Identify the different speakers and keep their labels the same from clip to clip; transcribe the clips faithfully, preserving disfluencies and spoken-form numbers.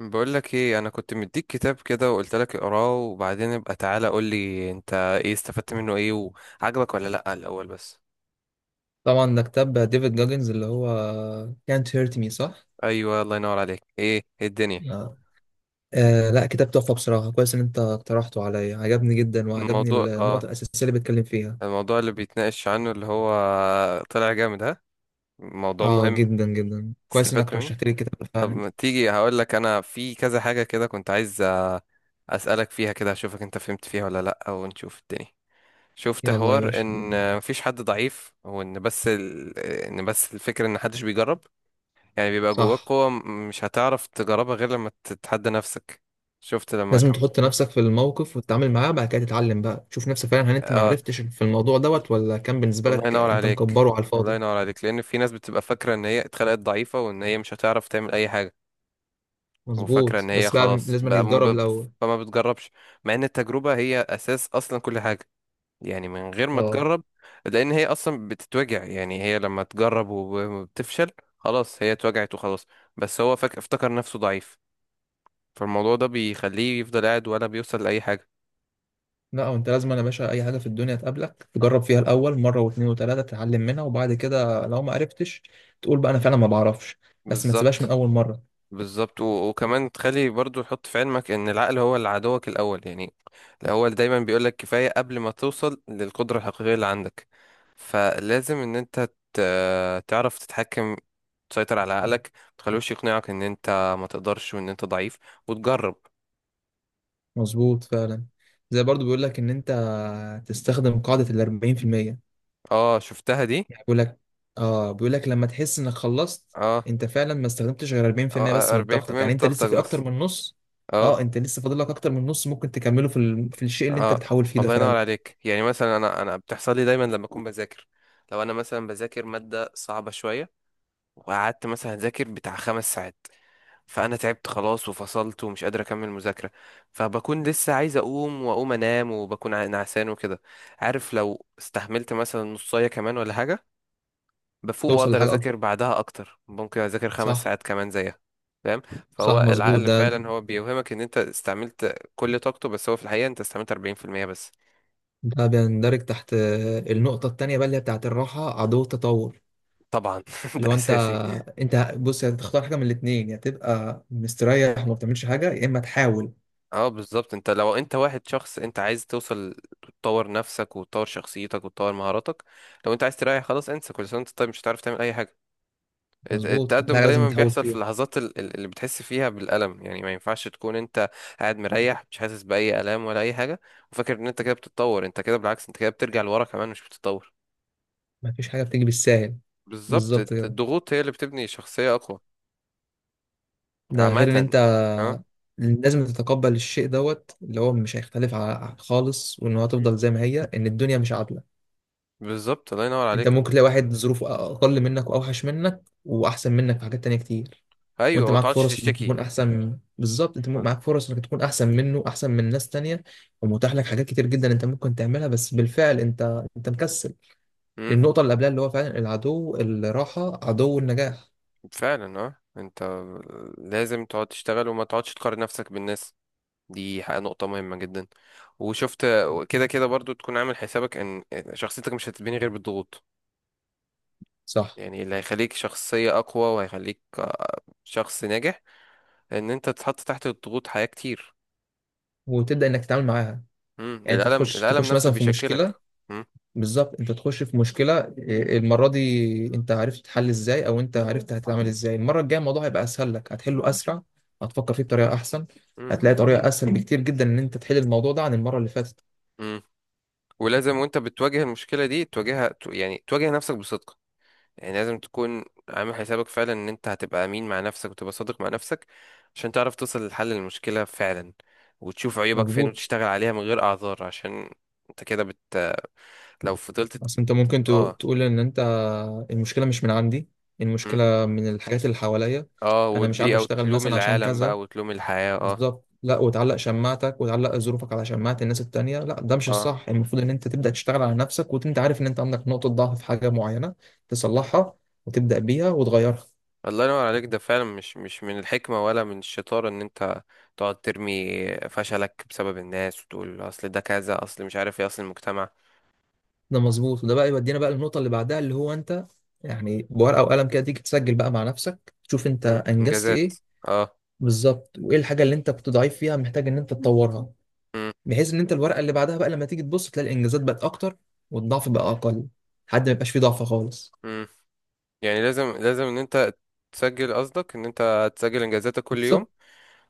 Speaker 1: بقول لك ايه، انا كنت مديك كتاب كده وقلت لك اقراه وبعدين ابقى تعالى قول لي انت ايه استفدت منه ايه، وعجبك ولا لا الاول بس.
Speaker 2: طبعا ده كتاب ديفيد جاجنز اللي هو Can't Hurt Me صح؟
Speaker 1: ايوه الله ينور عليك. ايه إيه الدنيا.
Speaker 2: آه. آه، لا كتاب تحفة بصراحة. كويس إن أنت اقترحته عليا، عجبني جدا وعجبني
Speaker 1: الموضوع اه
Speaker 2: النقطة الأساسية اللي بيتكلم فيها.
Speaker 1: الموضوع اللي بيتناقش عنه اللي هو طلع جامد ها، موضوع
Speaker 2: آه،
Speaker 1: مهم.
Speaker 2: جدا جدا كويس
Speaker 1: استفدت
Speaker 2: إنك
Speaker 1: منه.
Speaker 2: رشحت لي الكتاب ده
Speaker 1: طب
Speaker 2: فعلا.
Speaker 1: ما تيجي هقول لك انا في كذا حاجة كده كنت عايز، آه، اسالك فيها كده اشوفك انت فهمت فيها ولا لا ونشوف الدنيا. شفت
Speaker 2: يلا يا
Speaker 1: حوار
Speaker 2: باشا.
Speaker 1: ان مفيش حد ضعيف وان بس ال... ان بس الفكرة ان محدش بيجرب. يعني بيبقى جواك
Speaker 2: صح.
Speaker 1: قوة م- مش هتعرف تجربها غير لما تتحدى نفسك. شفت لما
Speaker 2: لازم
Speaker 1: كان.
Speaker 2: تحط نفسك في الموقف وتتعامل معاه، بعد كده تتعلم بقى، تشوف نفسك فعلا هل أنت ما
Speaker 1: اه،
Speaker 2: عرفتش في الموضوع دوت، ولا كان بالنسبة
Speaker 1: الله
Speaker 2: لك
Speaker 1: ينور
Speaker 2: أنت
Speaker 1: عليك.
Speaker 2: مكبره على
Speaker 1: الله
Speaker 2: الفاضي.
Speaker 1: ينور عليك لأن في ناس بتبقى فاكرة إن هي اتخلقت ضعيفة وإن هي مش هتعرف تعمل أي حاجة. وفاكرة
Speaker 2: مظبوط،
Speaker 1: إن هي
Speaker 2: بس بقى
Speaker 1: خلاص
Speaker 2: لازم إنك
Speaker 1: بقى م-
Speaker 2: تجرب
Speaker 1: ب-
Speaker 2: الأول.
Speaker 1: فما بتجربش، مع إن التجربة هي أساس أصلا كل حاجة. يعني من غير ما
Speaker 2: اه،
Speaker 1: تجرب، لأن هي أصلا بتتوجع. يعني هي لما تجرب وبتفشل خلاص هي اتوجعت وخلاص، بس هو فاكر افتكر نفسه ضعيف، فالموضوع ده بيخليه يفضل قاعد ولا بيوصل لأي حاجة.
Speaker 2: لا وانت لازم، انا باشا اي حاجه في الدنيا تقابلك تجرب فيها الاول مره واثنين وثلاثه، تتعلم منها وبعد كده لو ما عرفتش تقول بقى انا فعلا ما بعرفش، بس ما تسيبهاش من
Speaker 1: بالظبط.
Speaker 2: اول مره.
Speaker 1: بالظبط، و- وكمان تخلي برضو حط في علمك ان العقل هو اللي عدوك الاول. يعني الاول دايما بيقولك كفاية قبل ما توصل للقدرة الحقيقية اللي عندك، فلازم ان انت ت- تعرف تتحكم، تسيطر على عقلك متخلوش يقنعك ان انت ما تقدرش وان انت ضعيف، وتجرب.
Speaker 2: مظبوط فعلا. زي برضو بيقول لك ان انت تستخدم قاعده ال أربعين في المية.
Speaker 1: اه شفتها دي.
Speaker 2: يعني بيقول لك اه بيقول لك لما تحس انك خلصت،
Speaker 1: اه،
Speaker 2: انت فعلا ما استخدمتش غير أربعين في المية
Speaker 1: آه،
Speaker 2: بس من طاقتك،
Speaker 1: اربعين في المية من
Speaker 2: يعني انت لسه
Speaker 1: طاقتك
Speaker 2: في اكتر
Speaker 1: بس.
Speaker 2: من نص.
Speaker 1: اه.
Speaker 2: اه، انت لسه فاضل لك اكتر من نص، ممكن تكمله في ال... في الشيء اللي انت
Speaker 1: اه
Speaker 2: بتحاول فيه ده
Speaker 1: الله ينور
Speaker 2: فعلا.
Speaker 1: عليك. يعني مثلا انا انا بتحصل لي دايما لما اكون بذاكر، لو انا مثلا بذاكر مادة صعبة شوية وقعدت مثلا أذاكر بتاع خمس ساعات، فأنا تعبت خلاص وفصلت ومش قادر أكمل مذاكرة، فبكون لسه عايز أقوم وأقوم أنام وبكون ع- نعسان وكده. عارف لو استحملت مثلا نصاية كمان ولا حاجة بفوق
Speaker 2: توصل
Speaker 1: وأقدر
Speaker 2: لحاجه اكبر.
Speaker 1: أذاكر بعدها أكتر، ممكن أذاكر خمس
Speaker 2: صح.
Speaker 1: ساعات كمان زيها. فاهم؟
Speaker 2: صح،
Speaker 1: فهو
Speaker 2: مظبوط.
Speaker 1: العقل
Speaker 2: ده
Speaker 1: فعلا هو بيوهمك إن أنت استعملت كل طاقته، بس هو في الحقيقة أنت استعملت اربعين في المية بس.
Speaker 2: ده بيندرج تحت النقطة التانية بقى، اللي هي بتاعت الراحة عدو التطور.
Speaker 1: طبعا ده
Speaker 2: اللي هو انت
Speaker 1: أساسي.
Speaker 2: انت بص هتختار حاجة من الاتنين، يا تبقى مستريح وما بتعملش حاجة، يا اما تحاول.
Speaker 1: اه بالظبط، انت لو انت واحد شخص انت عايز توصل، تطور نفسك وتطور شخصيتك وتطور مهاراتك. لو انت عايز تريح خلاص انسى، كل سنه وانت طيب مش هتعرف تعمل اي حاجه. الت-
Speaker 2: مظبوط، كل
Speaker 1: التقدم
Speaker 2: حاجة لازم
Speaker 1: دايما
Speaker 2: تحاول
Speaker 1: بيحصل في
Speaker 2: فيها.
Speaker 1: اللحظات ال- ال- اللي بتحس فيها بالالم، يعني ما ينفعش تكون انت قاعد مريح مش حاسس باي الام ولا اي حاجه وفاكر ان انت كده بتتطور، انت كده بالعكس انت كده بترجع لورا كمان مش بتتطور.
Speaker 2: مفيش حاجة بتيجي بالساهل.
Speaker 1: بالظبط،
Speaker 2: بالظبط
Speaker 1: الت-
Speaker 2: كده.
Speaker 1: الضغوط هي اللي بتبني شخصيه اقوى.
Speaker 2: ده
Speaker 1: عامه.
Speaker 2: غير ان انت
Speaker 1: اه.
Speaker 2: لازم تتقبل الشيء دوت اللي هو مش هيختلف ع- خالص، وان هو هتفضل زي ما هي، ان الدنيا مش عادلة.
Speaker 1: بالظبط الله ينور
Speaker 2: انت
Speaker 1: عليك.
Speaker 2: ممكن تلاقي واحد ظروفه اقل منك واوحش منك واحسن منك في حاجات تانية كتير.
Speaker 1: ايوه
Speaker 2: وانت
Speaker 1: ما
Speaker 2: معاك
Speaker 1: تقعدش
Speaker 2: فرص انك
Speaker 1: تشتكي.
Speaker 2: تكون احسن من- بالظبط، انت م- معاك فرص انك تكون احسن منه، احسن من ناس تانية. ومتاح لك حاجات كتير جدا، انت ممكن تعملها بس بالفعل انت انت مكسل.
Speaker 1: مم.
Speaker 2: للنقطة اللي قبلها اللي هو فعلا، العدو الراحة عدو النجاح.
Speaker 1: فعلا اه، انت لازم تقعد تشتغل وما تقعدش تقارن نفسك بالناس، دي حق- نقطة مهمة جدا. وشفت كده كده برضو تكون عامل حسابك ان شخصيتك مش هتتبني غير بالضغوط،
Speaker 2: صح.
Speaker 1: يعني اللي هيخليك شخصية اقوى وهيخليك، آه، شخص ناجح، ان انت تتحط تحت الضغوط حياة كتير.
Speaker 2: وتبدأ انك تتعامل معاها.
Speaker 1: مم.
Speaker 2: يعني انت
Speaker 1: الألم،
Speaker 2: تخش
Speaker 1: الألم
Speaker 2: تخش
Speaker 1: نفسه
Speaker 2: مثلا في مشكلة.
Speaker 1: بيشكلك. مم.
Speaker 2: بالظبط، انت تخش في مشكلة إيه، المرة دي انت عرفت تحل ازاي، او انت عرفت هتتعامل ازاي المرة الجاية. الموضوع هيبقى اسهل لك، هتحله اسرع. هتفكر فيه بطريقة احسن.
Speaker 1: مم.
Speaker 2: هتلاقي طريقة اسهل بكتير جدا ان انت تحل الموضوع ده عن المرة اللي فاتت.
Speaker 1: مم. ولازم وانت بتواجه المشكلة دي تواجهها ت- يعني تواجه نفسك بصدق، يعني لازم تكون عامل حسابك فعلا ان انت هتبقى امين مع نفسك وتبقى صادق مع نفسك عشان تعرف توصل لحل المشكلة فعلا، وتشوف عيوبك فين
Speaker 2: مظبوط.
Speaker 1: وتشتغل عليها من غير اعذار. عشان انت كده بت، لو فضلت.
Speaker 2: بس انت ممكن تو-
Speaker 1: اه.
Speaker 2: تقول ان انت. المشكله مش من عندي.
Speaker 1: مم.
Speaker 2: المشكله من الحاجات اللي حواليا.
Speaker 1: اه،
Speaker 2: انا مش عارف
Speaker 1: والبيئة
Speaker 2: اشتغل
Speaker 1: وتلوم
Speaker 2: مثلا عشان
Speaker 1: العالم
Speaker 2: كذا.
Speaker 1: بقى وتلوم الحياة اه.
Speaker 2: بالظبط، لا وتعلق شماعتك وتعلق ظروفك على شماعه الناس التانية. لا ده مش
Speaker 1: اه.
Speaker 2: الصح، المفروض ان انت تبدا تشتغل على نفسك وانت عارف ان انت عندك نقطه ضعف في حاجه معينه.
Speaker 1: مم.
Speaker 2: تصلحها. وتبدا بيها وتغيرها.
Speaker 1: الله ينور عليك. ده فعلا مش، مش من الحكمة ولا من الشطارة ان انت تقعد ترمي فشلك بسبب الناس وتقول اصل ده كذا، اصل مش عارف ايه، اصل المجتمع.
Speaker 2: ده مظبوط، وده بقى يودينا بقى للنقطه اللي بعدها اللي هو انت. يعني بورقه وقلم كده، تيجي تسجل بقى مع نفسك، تشوف انت
Speaker 1: مم.
Speaker 2: انجزت
Speaker 1: انجازات.
Speaker 2: ايه.
Speaker 1: اه.
Speaker 2: بالظبط، وايه الحاجه اللي انت كنت ضعيف فيها محتاج ان انت تطورها.
Speaker 1: مم.
Speaker 2: بحيث ان انت الورقه اللي بعدها بقى لما تيجي تبص تلاقي الانجازات بقت اكتر. والضعف بقى اقل. لحد ما يبقاش فيه ضعف خالص.
Speaker 1: مم. يعني لازم، لازم ان انت تسجل، قصدك ان انت تسجل انجازاتك كل يوم،
Speaker 2: بالظبط.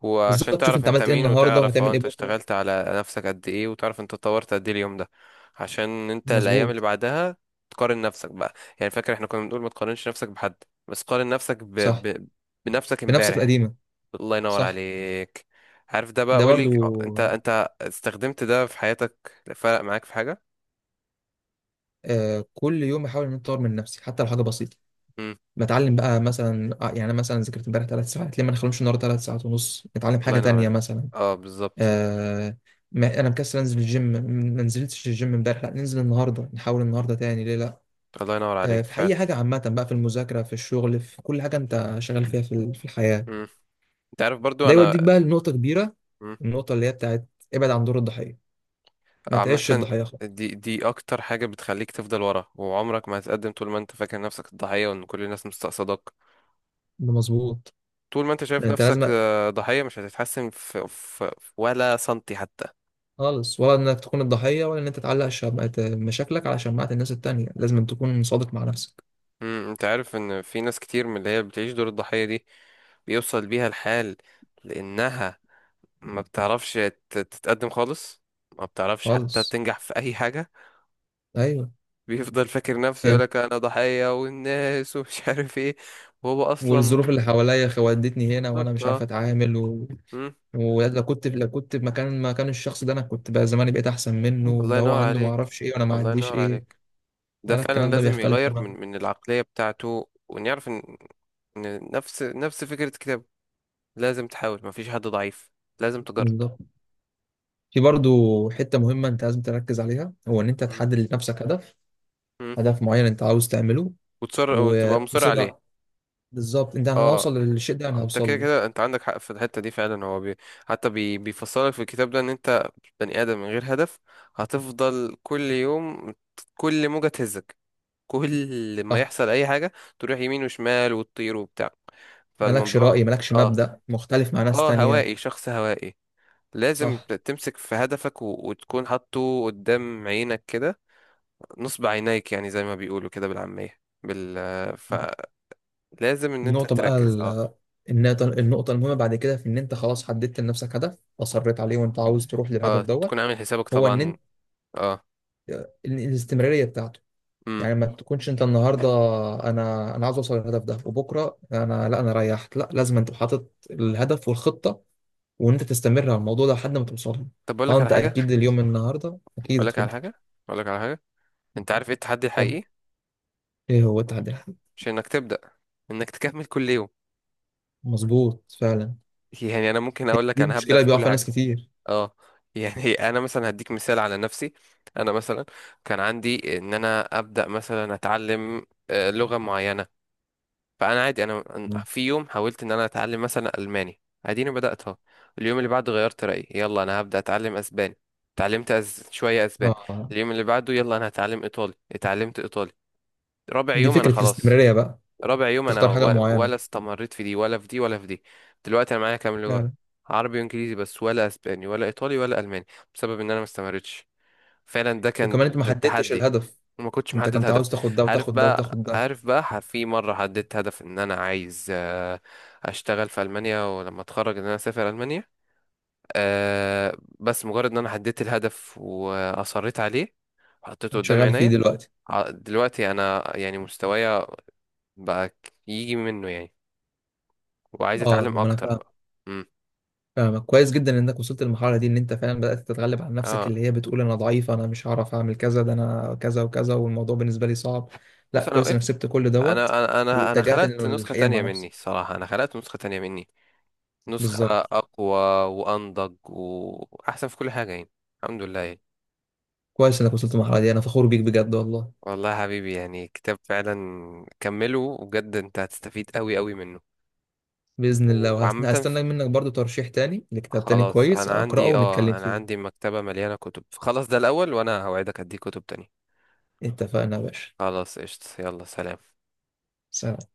Speaker 1: وعشان
Speaker 2: بالظبط، شوف
Speaker 1: تعرف
Speaker 2: انت
Speaker 1: انت
Speaker 2: عملت ايه
Speaker 1: مين
Speaker 2: النهارده
Speaker 1: وتعرف اه
Speaker 2: وهتعمل ايه
Speaker 1: انت
Speaker 2: بكره.
Speaker 1: اشتغلت على نفسك قد ايه وتعرف انت اتطورت قد ايه اليوم ده. عشان انت الايام اللي
Speaker 2: مظبوط.
Speaker 1: بعدها تقارن نفسك بقى، يعني فاكر احنا كنا بنقول ما تقارنش نفسك بحد، بس قارن نفسك ب...
Speaker 2: صح.
Speaker 1: ب... بنفسك
Speaker 2: بنفسك
Speaker 1: امبارح.
Speaker 2: القديمه.
Speaker 1: الله ينور
Speaker 2: صح.
Speaker 1: عليك. عارف ده بقى
Speaker 2: ده
Speaker 1: قولي،
Speaker 2: برضو.
Speaker 1: اه، انت انت استخدمت ده في حياتك فرق معاك في حاجة؟
Speaker 2: آه، كل يوم احاول ان أنا اطور من نفسي حتى لو حاجه بسيطه.
Speaker 1: امم.
Speaker 2: بتعلم بقى مثلا آه، يعني أنا مثلا ذاكرت امبارح ثلاث ساعات، ليه ما نخلوش النهارده ثلاث ساعات ونص نتعلم
Speaker 1: الله
Speaker 2: حاجه
Speaker 1: ينور
Speaker 2: تانيه
Speaker 1: عليك.
Speaker 2: مثلا.
Speaker 1: اه بالظبط.
Speaker 2: آه. ما انا مكسل انزل الجيم. ما نزلتش الجيم امبارح، لا ننزل النهارده نحاول النهارده تاني، ليه لا.
Speaker 1: الله ينور
Speaker 2: آه،
Speaker 1: عليك
Speaker 2: في
Speaker 1: فعلا.
Speaker 2: اي حاجه عامه بقى، في المذاكره، في الشغل، في كل حاجه انت شغال فيها، في ال- في الحياه.
Speaker 1: امم. انت عارف برضو
Speaker 2: ده يوديك
Speaker 1: انا.
Speaker 2: بقى لنقطه كبيره.
Speaker 1: مم.
Speaker 2: النقطه اللي هي بتاعت ابعد عن دور الضحيه. ما تعيش
Speaker 1: عامة،
Speaker 2: الضحيه خالص.
Speaker 1: دي دي أكتر حاجة بتخليك تفضل ورا وعمرك ما هتقدم، طول ما أنت فاكر نفسك الضحية وإن كل الناس مستقصدك.
Speaker 2: ده مظبوط.
Speaker 1: طول ما أنت شايف
Speaker 2: ده انت
Speaker 1: نفسك،
Speaker 2: لازم.
Speaker 1: آه، ضحية مش هتتحسن في, في، في ولا سنتي حتى.
Speaker 2: خالص، ولا انك تكون الضحيه ولا ان انت تعلق شمعة مشاكلك على شماعه الناس التانيه، لازم تكون صادق مع نفسك.
Speaker 1: مم. أنت عارف إن في ناس كتير من اللي هي بتعيش دور الضحية دي بيوصل بيها الحال، لأنها ما بتعرفش تت- تتقدم خالص، ما بتعرفش حتى
Speaker 2: خالص.
Speaker 1: تنجح في أي حاجة.
Speaker 2: ايوه.
Speaker 1: بيفضل فاكر نفسه
Speaker 2: يعني،
Speaker 1: يقولك أنا ضحية والناس ومش عارف إيه، وهو أصلا.
Speaker 2: والظروف اللي حواليا خ- ودتني هنا وانا
Speaker 1: بالظبط
Speaker 2: مش عارف
Speaker 1: اه.
Speaker 2: اتعامل. ولو كنت لو كنت في مكان مكان الشخص ده، انا كنت بقى زماني بقيت احسن منه.
Speaker 1: الله
Speaker 2: ده هو
Speaker 1: ينور
Speaker 2: عنده ما
Speaker 1: عليك.
Speaker 2: اعرفش ايه وانا ما
Speaker 1: الله
Speaker 2: عنديش
Speaker 1: ينور
Speaker 2: ايه.
Speaker 1: عليك. ده
Speaker 2: انا
Speaker 1: فعلا
Speaker 2: الكلام ده
Speaker 1: لازم
Speaker 2: بيختلف
Speaker 1: يغير من،
Speaker 2: تماما.
Speaker 1: من العقلية بتاعته، وإن يعرف إن، إن نفس نفس فكرة كتابه، لازم تحاول، مفيش حد ضعيف، لازم تجرب.
Speaker 2: بالظبط. في برضو حتة مهمة انت لازم تركز عليها، هو ان انت
Speaker 1: مم.
Speaker 2: تحدد لنفسك هدف.
Speaker 1: مم.
Speaker 2: هدف معين انت عاوز تعمله.
Speaker 1: وتصر وتبقى مصر
Speaker 2: وتصر
Speaker 1: عليه.
Speaker 2: ع- بالظبط، انت انا
Speaker 1: اه،
Speaker 2: هوصل للشيء ده، انا
Speaker 1: انت
Speaker 2: هوصل
Speaker 1: كده
Speaker 2: له.
Speaker 1: كده انت عندك حق في الحته دي فعلا، هو بي... حتى بي... بيفصلك في الكتاب ده ان انت بني ادم من غير هدف هتفضل كل يوم، كل موجه تهزك، كل ما
Speaker 2: صح.
Speaker 1: يحصل اي حاجه تروح يمين وشمال وتطير وبتاع.
Speaker 2: مالكش
Speaker 1: فالموضوع
Speaker 2: رأي، مالكش
Speaker 1: اه.
Speaker 2: مبدأ مختلف مع ناس
Speaker 1: اه
Speaker 2: تانية.
Speaker 1: هوائي، شخص هوائي. لازم
Speaker 2: صح.
Speaker 1: ت- تمسك في هدفك و... وتكون حاطه قدام عينك كده، نصب عينيك، يعني زي ما بيقولوا كده بالعامية بال، فلازم ان انت
Speaker 2: النقطة بقى
Speaker 1: تركز اه.
Speaker 2: ال- النقطة النقطة المهمة بعد كده، في إن أنت خلاص حددت لنفسك هدف أصريت عليه وأنت عاوز تروح للهدف
Speaker 1: اه
Speaker 2: دوت.
Speaker 1: تكون عامل حسابك
Speaker 2: هو إن
Speaker 1: طبعا.
Speaker 2: أنت
Speaker 1: اه.
Speaker 2: ال- الاستمرارية بتاعته.
Speaker 1: امم.
Speaker 2: يعني ما تكونش أنت النهاردة أنا أنا عاوز أوصل للهدف ده، وبكرة أنا لا، أنا ريحت، لا لازم أنت حاطط الهدف والخطة. وإن أنت تستمر على الموضوع ده لحد ما توصل له.
Speaker 1: طب اقول
Speaker 2: أه،
Speaker 1: لك على
Speaker 2: أنت
Speaker 1: حاجة،
Speaker 2: أكيد اليوم النهاردة أكيد
Speaker 1: اقول لك على
Speaker 2: اتفضل.
Speaker 1: حاجة، اقول لك على حاجة، انت عارف ايه التحدي الحقيقي؟
Speaker 2: اتفضل. إيه هو التحدي الحقيقي؟
Speaker 1: مش انك تبدأ، انك تكمل كل يوم.
Speaker 2: مظبوط فعلا.
Speaker 1: يعني انا ممكن اقول لك
Speaker 2: دي
Speaker 1: انا هبدأ
Speaker 2: مشكلة
Speaker 1: في
Speaker 2: بيقع
Speaker 1: كل
Speaker 2: فيها
Speaker 1: حاجة.
Speaker 2: ناس كتير.
Speaker 1: اه. يعني انا مثلا هديك مثال على نفسي. انا مثلا كان عندي ان انا ابدا مثلا اتعلم، آه، لغه معينه، فانا عادي انا أنا
Speaker 2: مم.
Speaker 1: في يوم حاولت ان انا اتعلم مثلا الماني، اديني بداتها، اليوم اللي بعده غيرت رايي يلا انا هبدا اتعلم اسباني، اتعلمت أز... شويه اسباني،
Speaker 2: آه.
Speaker 1: اليوم اللي بعده يلا انا هتعلم ايطالي، اتعلمت ايطالي، رابع
Speaker 2: دي
Speaker 1: يوم انا
Speaker 2: فكرة
Speaker 1: خلاص،
Speaker 2: الاستمرارية بقى.
Speaker 1: رابع يوم انا
Speaker 2: تختار حاجة
Speaker 1: و- ولا
Speaker 2: معينة.
Speaker 1: استمريت في دي ولا في دي ولا في دي. دلوقتي انا معايا كام لغة؟
Speaker 2: فعلا.
Speaker 1: عربي وانجليزي بس، ولا اسباني ولا ايطالي ولا الماني، بسبب ان انا ما استمرتش. فعلا ده
Speaker 2: وكمان انت
Speaker 1: كان
Speaker 2: ما
Speaker 1: ت-
Speaker 2: مم. حددتش
Speaker 1: تحدي،
Speaker 2: الهدف.
Speaker 1: وما كنتش
Speaker 2: انت
Speaker 1: محدد
Speaker 2: كنت
Speaker 1: هدف.
Speaker 2: عاوز تاخد ده
Speaker 1: عارف
Speaker 2: وتاخد ده
Speaker 1: بقى،
Speaker 2: وتاخد ده.
Speaker 1: عارف بقى ح- في مرة حددت هدف ان انا عايز، آه، اشتغل في المانيا، ولما اتخرج ان انا اسافر المانيا، آه، بس مجرد ان انا حددت الهدف واصريت عليه وحطيته قدام
Speaker 2: شغال فيه
Speaker 1: عينيا،
Speaker 2: دلوقتي.
Speaker 1: ع- دلوقتي انا يعني مستوايا بقى يجي منه يعني، وعايز
Speaker 2: اه،
Speaker 1: اتعلم
Speaker 2: لما انا
Speaker 1: اكتر
Speaker 2: فاهم.
Speaker 1: بقى. امم.
Speaker 2: فاهمك كويس جدا، انك وصلت للمرحلة دي ان انت فعلا بدأت تتغلب على نفسك
Speaker 1: اه
Speaker 2: اللي هي بتقول انا ضعيف، انا مش هعرف اعمل كذا، ده انا كذا وكذا والموضوع بالنسبة لي صعب. لا،
Speaker 1: بص انا
Speaker 2: كويس انك
Speaker 1: وقفت،
Speaker 2: سبت كل
Speaker 1: انا
Speaker 2: دوت.
Speaker 1: انا انا أنا
Speaker 2: واتجهت
Speaker 1: خلقت
Speaker 2: انه
Speaker 1: نسخة
Speaker 2: الحقيقة مع
Speaker 1: تانية مني.
Speaker 2: نفسك.
Speaker 1: صراحة انا خلقت نسخة تانية مني، نسخة
Speaker 2: بالظبط.
Speaker 1: اقوى وانضج واحسن في كل حاجة يعني، الحمد لله يعني.
Speaker 2: كويس انك وصلت للمرحلة دي، انا فخور بيك بجد والله.
Speaker 1: والله يا حبيبي، يعني كتاب فعلا كمله بجد انت هتستفيد قوي قوي منه.
Speaker 2: بإذن
Speaker 1: و-
Speaker 2: الله،
Speaker 1: وعامة ف-
Speaker 2: وهستنى منك برضو ترشيح تاني لكتاب تاني
Speaker 1: خلاص
Speaker 2: كويس
Speaker 1: انا
Speaker 2: أقرأه
Speaker 1: عندي
Speaker 2: ونتكلم
Speaker 1: اه، انا
Speaker 2: فيه.
Speaker 1: عندي مكتبة مليانة كتب، خلاص ده الاول وانا هوعدك اديك كتب تانية.
Speaker 2: اتفقنا يا باشا.
Speaker 1: خلاص قشطة، يلا سلام.
Speaker 2: سلام.